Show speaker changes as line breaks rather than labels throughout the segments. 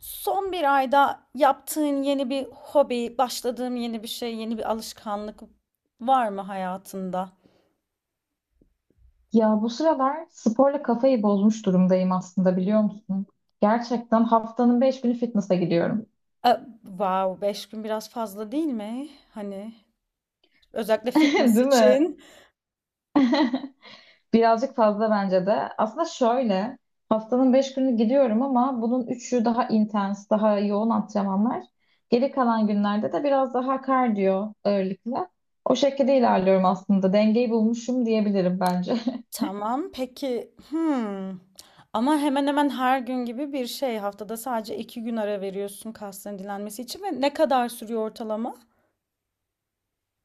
Son bir ayda yaptığın yeni bir hobi, başladığın yeni bir şey, yeni bir alışkanlık var mı hayatında?
Ya bu sıralar sporla kafayı bozmuş durumdayım aslında, biliyor musun? Gerçekten haftanın beş günü fitness'a gidiyorum.
E, wow, beş gün biraz fazla değil mi? Hani özellikle fitness
Değil mi?
için.
Birazcık fazla bence de. Aslında şöyle, haftanın beş günü gidiyorum ama bunun üçü daha intens, daha yoğun antrenmanlar. Geri kalan günlerde de biraz daha kardiyo ağırlıklı. O şekilde ilerliyorum aslında. Dengeyi bulmuşum diyebilirim bence.
Tamam, peki. Hmm. Ama hemen hemen her gün gibi bir şey. Haftada sadece iki gün ara veriyorsun kasların dinlenmesi için ve ne kadar sürüyor ortalama?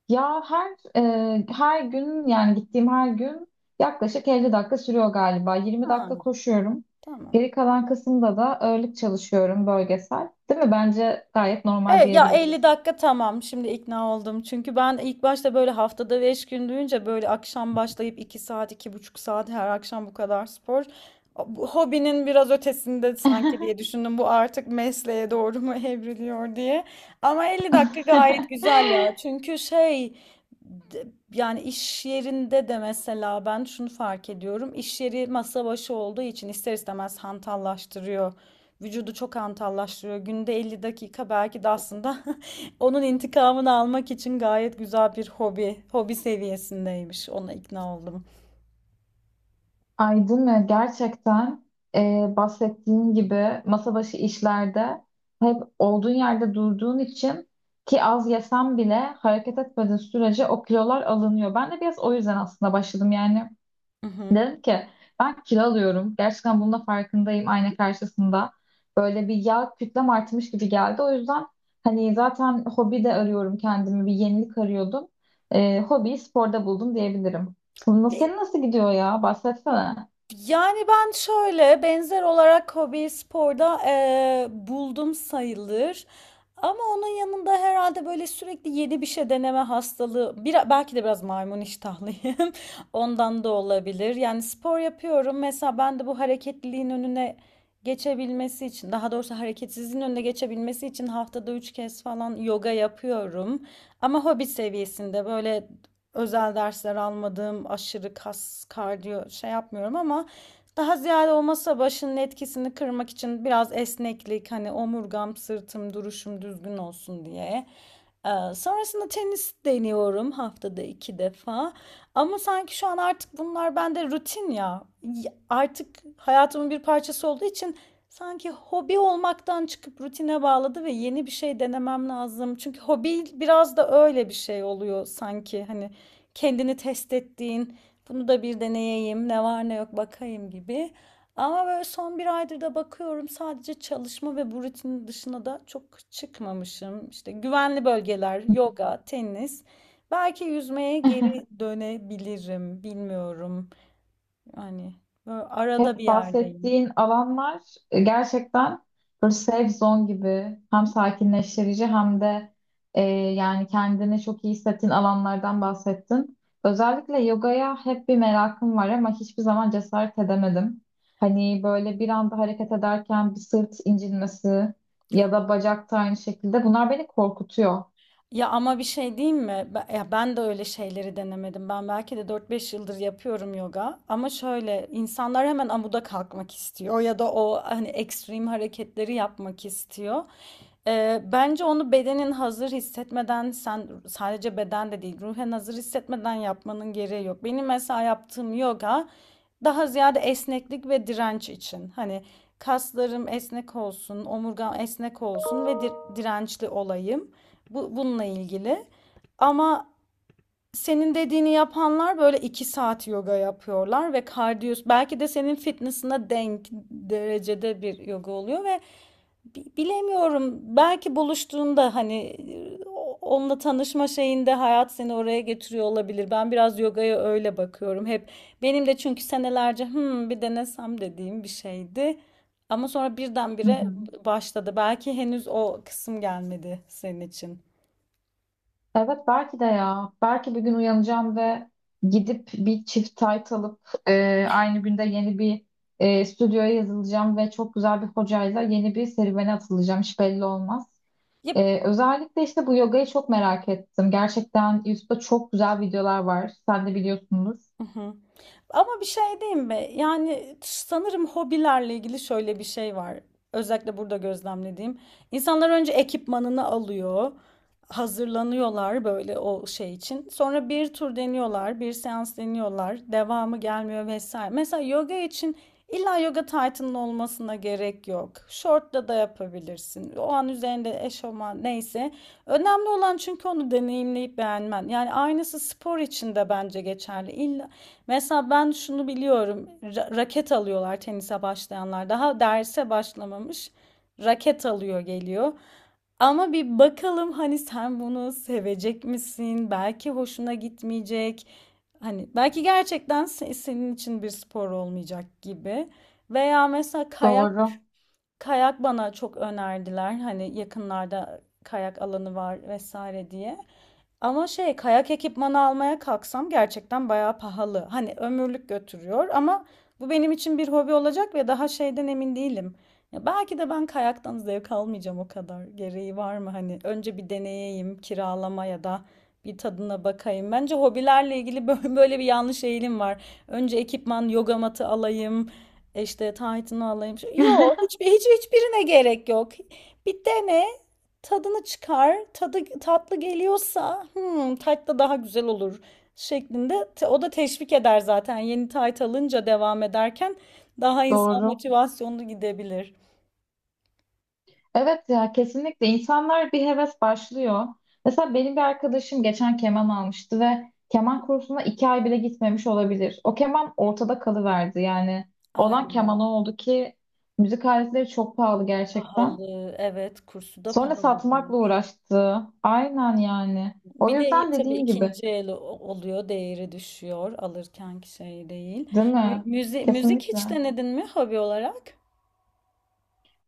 Ya her gün yani gittiğim her gün yaklaşık 50 dakika sürüyor galiba. 20
Ha,
dakika koşuyorum.
tamam.
Geri kalan kısımda da ağırlık çalışıyorum bölgesel. Değil mi? Bence gayet normal
Evet ya,
diyebiliriz.
50 dakika tamam, şimdi ikna oldum. Çünkü ben ilk başta böyle haftada 5 gün duyunca böyle akşam başlayıp 2 saat, iki buçuk saat her akşam bu kadar spor. Bu hobinin biraz ötesinde sanki diye düşündüm. Bu artık mesleğe doğru mu evriliyor diye. Ama 50 dakika gayet güzel ya. Çünkü yani iş yerinde de mesela ben şunu fark ediyorum. İş yeri masa başı olduğu için ister istemez hantallaştırıyor. Vücudu çok hantallaştırıyor. Günde 50 dakika belki de aslında onun intikamını almak için gayet güzel bir hobi. Hobi seviyesindeymiş. Ona ikna oldum.
Aydın ve gerçekten bahsettiğin gibi masa başı işlerde hep olduğun yerde durduğun için ki az yesem bile hareket etmediğin sürece o kilolar alınıyor. Ben de biraz o yüzden aslında başladım yani.
Hı hı.
Dedim ki ben kilo alıyorum. Gerçekten bunun da farkındayım ayna karşısında. Böyle bir yağ kütlem artmış gibi geldi. O yüzden hani zaten hobi de arıyorum kendimi. Bir yenilik arıyordum. Hobiyi sporda buldum diyebilirim. Senin nasıl gidiyor ya? Bahsetsene.
Yani ben şöyle benzer olarak hobi sporda buldum sayılır. Ama onun yanında herhalde böyle sürekli yeni bir şey deneme hastalığı, bir, belki de biraz maymun iştahlıyım. Ondan da olabilir. Yani spor yapıyorum. Mesela ben de bu hareketliliğin önüne geçebilmesi için, daha doğrusu hareketsizliğin önüne geçebilmesi için haftada üç kez falan yoga yapıyorum. Ama hobi seviyesinde böyle özel dersler almadım, aşırı kas, kardiyo şey yapmıyorum, ama daha ziyade o masa başının etkisini kırmak için biraz esneklik, hani omurgam, sırtım, duruşum düzgün olsun diye. Sonrasında tenis deniyorum haftada iki defa. Ama sanki şu an artık bunlar bende rutin ya. Artık hayatımın bir parçası olduğu için sanki hobi olmaktan çıkıp rutine bağladı ve yeni bir şey denemem lazım. Çünkü hobi biraz da öyle bir şey oluyor sanki. Hani kendini test ettiğin, bunu da bir deneyeyim, ne var ne yok bakayım gibi. Ama böyle son bir aydır da bakıyorum sadece çalışma ve bu rutinin dışına da çok çıkmamışım. İşte güvenli bölgeler, yoga, tenis. Belki yüzmeye geri dönebilirim, bilmiyorum. Yani böyle arada bir
Hep
yerdeyim.
bahsettiğin alanlar, gerçekten böyle safe zone gibi, hem sakinleştirici hem de yani kendini çok iyi hissettiğin alanlardan bahsettin. Özellikle yogaya hep bir merakım var ama hiçbir zaman cesaret edemedim. Hani böyle bir anda hareket ederken bir sırt incinmesi ya da bacakta aynı şekilde, bunlar beni korkutuyor.
Ya ama bir şey diyeyim mi? Ya ben de öyle şeyleri denemedim. Ben belki de dört beş yıldır yapıyorum yoga. Ama şöyle insanlar hemen amuda kalkmak istiyor ya da o hani ekstrem hareketleri yapmak istiyor. Bence onu bedenin hazır hissetmeden, sen sadece beden de değil ruhen hazır hissetmeden yapmanın gereği yok. Benim mesela yaptığım yoga daha ziyade esneklik ve direnç için. Hani kaslarım esnek olsun, omurgam esnek olsun ve dirençli olayım. Bu, bununla ilgili. Ama senin dediğini yapanlar böyle 2 saat yoga yapıyorlar ve kardiyo belki de senin fitness'ına denk derecede bir yoga oluyor ve bilemiyorum, belki buluştuğunda hani e, onunla tanışma şeyinde hayat seni oraya getiriyor olabilir. Ben biraz yogaya öyle bakıyorum. Hep benim de çünkü senelerce, hmm, bir denesem dediğim bir şeydi. Ama sonra
Hı
birdenbire
hı.
başladı. Belki henüz o kısım gelmedi senin için.
Evet, belki de ya. Belki bir gün uyanacağım ve gidip bir çift tayt alıp aynı günde yeni bir stüdyoya yazılacağım ve çok güzel bir hocayla yeni bir serüvene atılacağım. Hiç belli olmaz.
Ya.
Özellikle işte bu yogayı çok merak ettim. Gerçekten YouTube'da çok güzel videolar var. Sen de biliyorsundur.
Hı hı. Ama bir şey diyeyim mi? Yani sanırım hobilerle ilgili şöyle bir şey var. Özellikle burada gözlemlediğim. İnsanlar önce ekipmanını alıyor, hazırlanıyorlar böyle o şey için. Sonra bir tur deniyorlar, bir seans deniyorlar, devamı gelmiyor vesaire. Mesela yoga için illa yoga taytının olmasına gerek yok. Şortla da yapabilirsin. O an üzerinde eşofman neyse. Önemli olan çünkü onu deneyimleyip beğenmen. Yani aynısı spor için de bence geçerli. Mesela ben şunu biliyorum. Raket alıyorlar tenise başlayanlar. Daha derse başlamamış raket alıyor geliyor. Ama bir bakalım hani sen bunu sevecek misin? Belki hoşuna gitmeyecek. Hani belki gerçekten senin için bir spor olmayacak gibi. Veya mesela kayak.
Doğru.
Kayak bana çok önerdiler. Hani yakınlarda kayak alanı var vesaire diye. Ama şey, kayak ekipmanı almaya kalksam gerçekten bayağı pahalı. Hani ömürlük götürüyor ama bu benim için bir hobi olacak ve daha şeyden emin değilim. Ya belki de ben kayaktan zevk almayacağım o kadar. Gereği var mı hani? Önce bir deneyeyim, kiralama ya da bir tadına bakayım. Bence hobilerle ilgili böyle bir yanlış eğilim var. Önce ekipman, yoga matı alayım. İşte Titan'ı alayım. Yok, hiçbirine gerek yok. Bir dene, tadını çıkar. Tadı tatlı geliyorsa, hmm, tatlı daha güzel olur şeklinde. O da teşvik eder zaten. Yeni Titan alınca devam ederken daha insan
Doğru.
motivasyonlu gidebilir.
Evet ya, kesinlikle insanlar bir heves başlıyor. Mesela benim bir arkadaşım geçen keman almıştı ve keman kursuna iki ay bile gitmemiş olabilir. O keman ortada kalıverdi yani.
Ay,
Olan keman o oldu ki müzik aletleri çok pahalı gerçekten.
pahalı. Evet, kursu da
Sonra satmakla
pahalıdır.
uğraştı. Aynen yani. O
Bir de
yüzden
tabii
dediğim gibi.
ikinci el oluyor, değeri düşüyor, alırkenki şey değil.
Değil mi?
Müzik hiç
Kesinlikle.
denedin mi hobi olarak?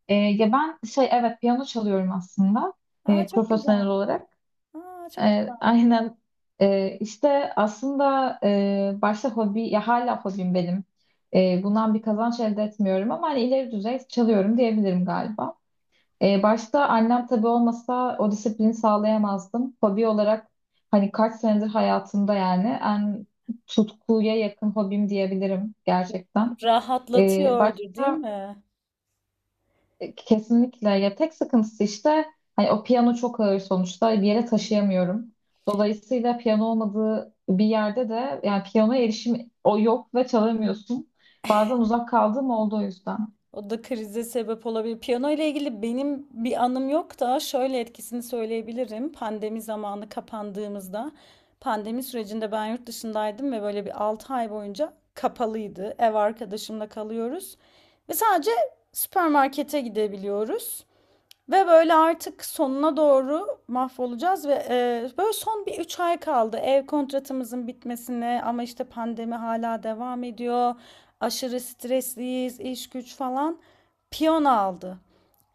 Ya ben şey evet piyano çalıyorum aslında,
Aa, çok güzel.
profesyonel olarak.
Aa, çok
E,
güzel.
aynen işte aslında başta hobi, ya hala hobim benim. Bundan bir kazanç elde etmiyorum ama hani ileri düzey çalıyorum diyebilirim galiba. Başta annem tabii olmasa o disiplini sağlayamazdım. Hobi olarak hani kaç senedir hayatımda yani en tutkuya yakın hobim diyebilirim gerçekten. E,
Rahatlatıyordur değil
başta
mi?
Kesinlikle. Ya tek sıkıntısı işte, hani o piyano çok ağır sonuçta, bir yere taşıyamıyorum. Dolayısıyla piyano olmadığı bir yerde de yani piyanoya erişim o yok ve çalamıyorsun. Bazen uzak kaldığım oldu o yüzden.
O da krize sebep olabilir. Piyano ile ilgili benim bir anım yok da şöyle etkisini söyleyebilirim. Pandemi zamanı kapandığımızda, pandemi sürecinde ben yurt dışındaydım ve böyle bir 6 ay boyunca kapalıydı. Ev arkadaşımla kalıyoruz ve sadece süpermarkete gidebiliyoruz. Ve böyle artık sonuna doğru mahvolacağız ve böyle son bir 3 ay kaldı ev kontratımızın bitmesine, ama işte pandemi hala devam ediyor. Aşırı stresliyiz, iş güç falan. Piyano aldı.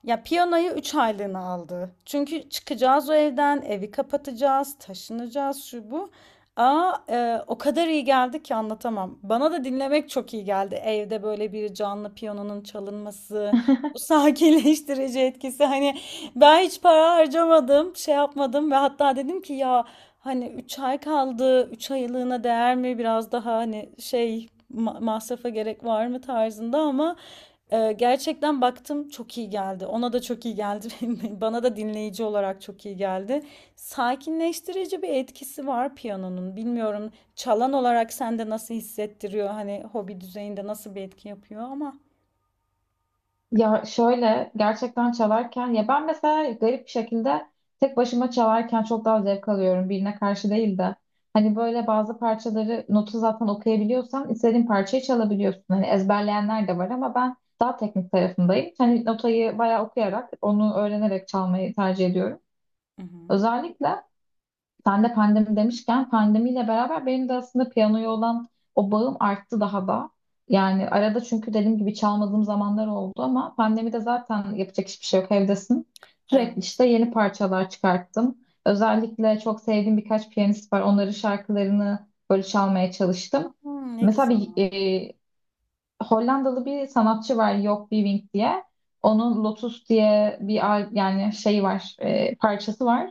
Ya piyanoyu 3 aylığına aldı. Çünkü çıkacağız o evden, evi kapatacağız, taşınacağız şu bu. Aa, o kadar iyi geldi ki anlatamam. Bana da dinlemek çok iyi geldi. Evde böyle bir canlı piyanonun çalınması, sakinleştirici etkisi. Hani ben hiç para harcamadım, şey yapmadım ve hatta dedim ki ya, hani 3 ay kaldı, 3 aylığına değer mi? Biraz daha hani şey, masrafa gerek var mı tarzında, ama gerçekten baktım çok iyi geldi. Ona da çok iyi geldi. Bana da dinleyici olarak çok iyi geldi. Sakinleştirici bir etkisi var piyanonun. Bilmiyorum, çalan olarak sende nasıl hissettiriyor? Hani hobi düzeyinde nasıl bir etki yapıyor ama.
Ya şöyle gerçekten çalarken ya ben mesela garip bir şekilde tek başıma çalarken çok daha zevk alıyorum, birine karşı değil de. Hani böyle bazı parçaları, notu zaten okuyabiliyorsan istediğin parçayı çalabiliyorsun. Hani ezberleyenler de var ama ben daha teknik tarafındayım. Hani notayı bayağı okuyarak, onu öğrenerek çalmayı tercih ediyorum.
Hı hı.
Özellikle sen de pandemi demişken, pandemiyle beraber benim de aslında piyanoya olan o bağım arttı daha da. Yani arada, çünkü dediğim gibi çalmadığım zamanlar oldu ama pandemide zaten yapacak hiçbir şey yok, evdesin. Sürekli
Evet.
işte yeni parçalar çıkarttım. Özellikle çok sevdiğim birkaç piyanist var. Onların şarkılarını böyle çalmaya çalıştım.
Hımm, ne
Mesela
güzel.
bir Hollandalı bir sanatçı var, Joop Wiewink diye. Onun Lotus diye yani şey var, parçası var,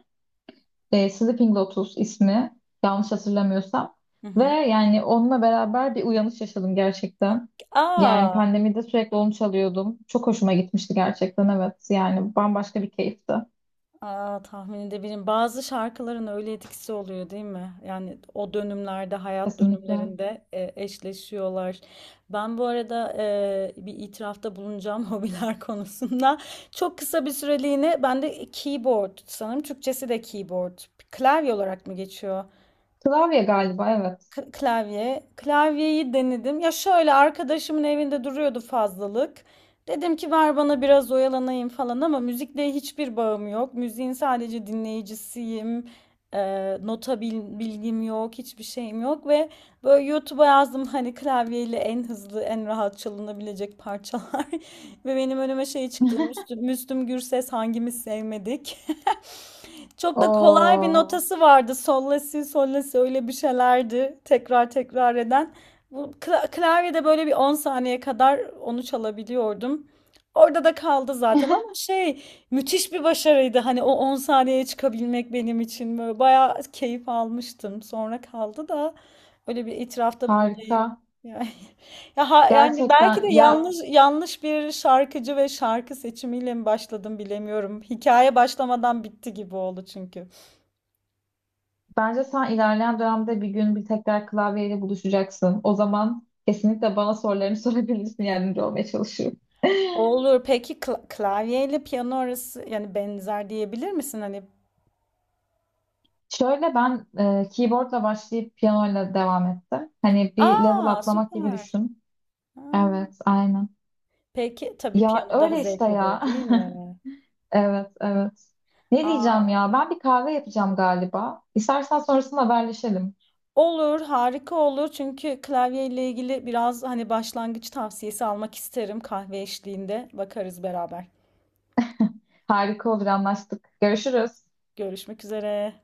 Sleeping Lotus ismi, yanlış hatırlamıyorsam.
Hı
Ve
hı.
yani onunla beraber bir uyanış yaşadım gerçekten. Yani
A!
pandemide sürekli onu çalıyordum. Çok hoşuma gitmişti gerçekten, evet. Yani bambaşka bir keyifti.
A, tahmin edebilirim. Bazı şarkıların öyle etkisi oluyor değil mi? Yani o dönümlerde, hayat
Kesinlikle.
dönümlerinde, eşleşiyorlar. Ben bu arada, bir itirafta bulunacağım hobiler konusunda. Çok kısa bir süreliğine ben de keyboard, sanırım Türkçesi de keyboard. Klavye olarak mı geçiyor?
Klavye galiba, evet.
Klavye. Klavyeyi denedim. Ya şöyle arkadaşımın evinde duruyordu fazlalık. Dedim ki ver bana biraz oyalanayım falan, ama müzikle hiçbir bağım yok. Müziğin sadece dinleyicisiyim. Nota bilgim yok, hiçbir şeyim yok ve böyle YouTube'a yazdım hani klavyeyle en hızlı, en rahat çalınabilecek parçalar. Ve benim önüme şey çıktı. Müslüm, Müslüm Gürses hangimiz sevmedik? Çok da kolay bir Allah
Oo,
notası vardı. Sol la si, sol la si öyle bir şeylerdi. Tekrar tekrar eden. Bu klavyede böyle bir 10 saniye kadar onu çalabiliyordum. Orada da kaldı zaten, ama şey, müthiş bir başarıydı. Hani o 10 saniyeye çıkabilmek benim için böyle bayağı keyif almıştım. Sonra kaldı da, öyle bir itirafta bulunayım.
harika.
Yani. Yani belki de
Gerçekten ya,
yanlış bir şarkıcı ve şarkı seçimiyle mi başladım bilemiyorum. Hikaye başlamadan bitti gibi oldu çünkü.
bence sen ilerleyen dönemde bir gün bir tekrar klavyeyle buluşacaksın. O zaman kesinlikle bana sorularını sorabilirsin, yardımcı olmaya çalışırım.
Olur. Peki klavyeyle piyano arası, yani benzer diyebilir misin hani?
Şöyle, ben keyboardla başlayıp piyanoyla devam ettim. Hani bir level
Aa,
atlamak gibi
süper.
düşün.
Ha.
Evet, aynen.
Peki tabii
Ya
piyano daha
öyle işte ya.
zevklidir değil mi?
Evet, evet. Ne
Aa,
diyeceğim ya? Ben bir kahve yapacağım galiba. İstersen sonrasında haberleşelim.
olur, harika olur. Çünkü klavyeyle ilgili biraz hani başlangıç tavsiyesi almak isterim kahve eşliğinde. Bakarız beraber.
Harika olur, anlaştık. Görüşürüz.
Görüşmek üzere.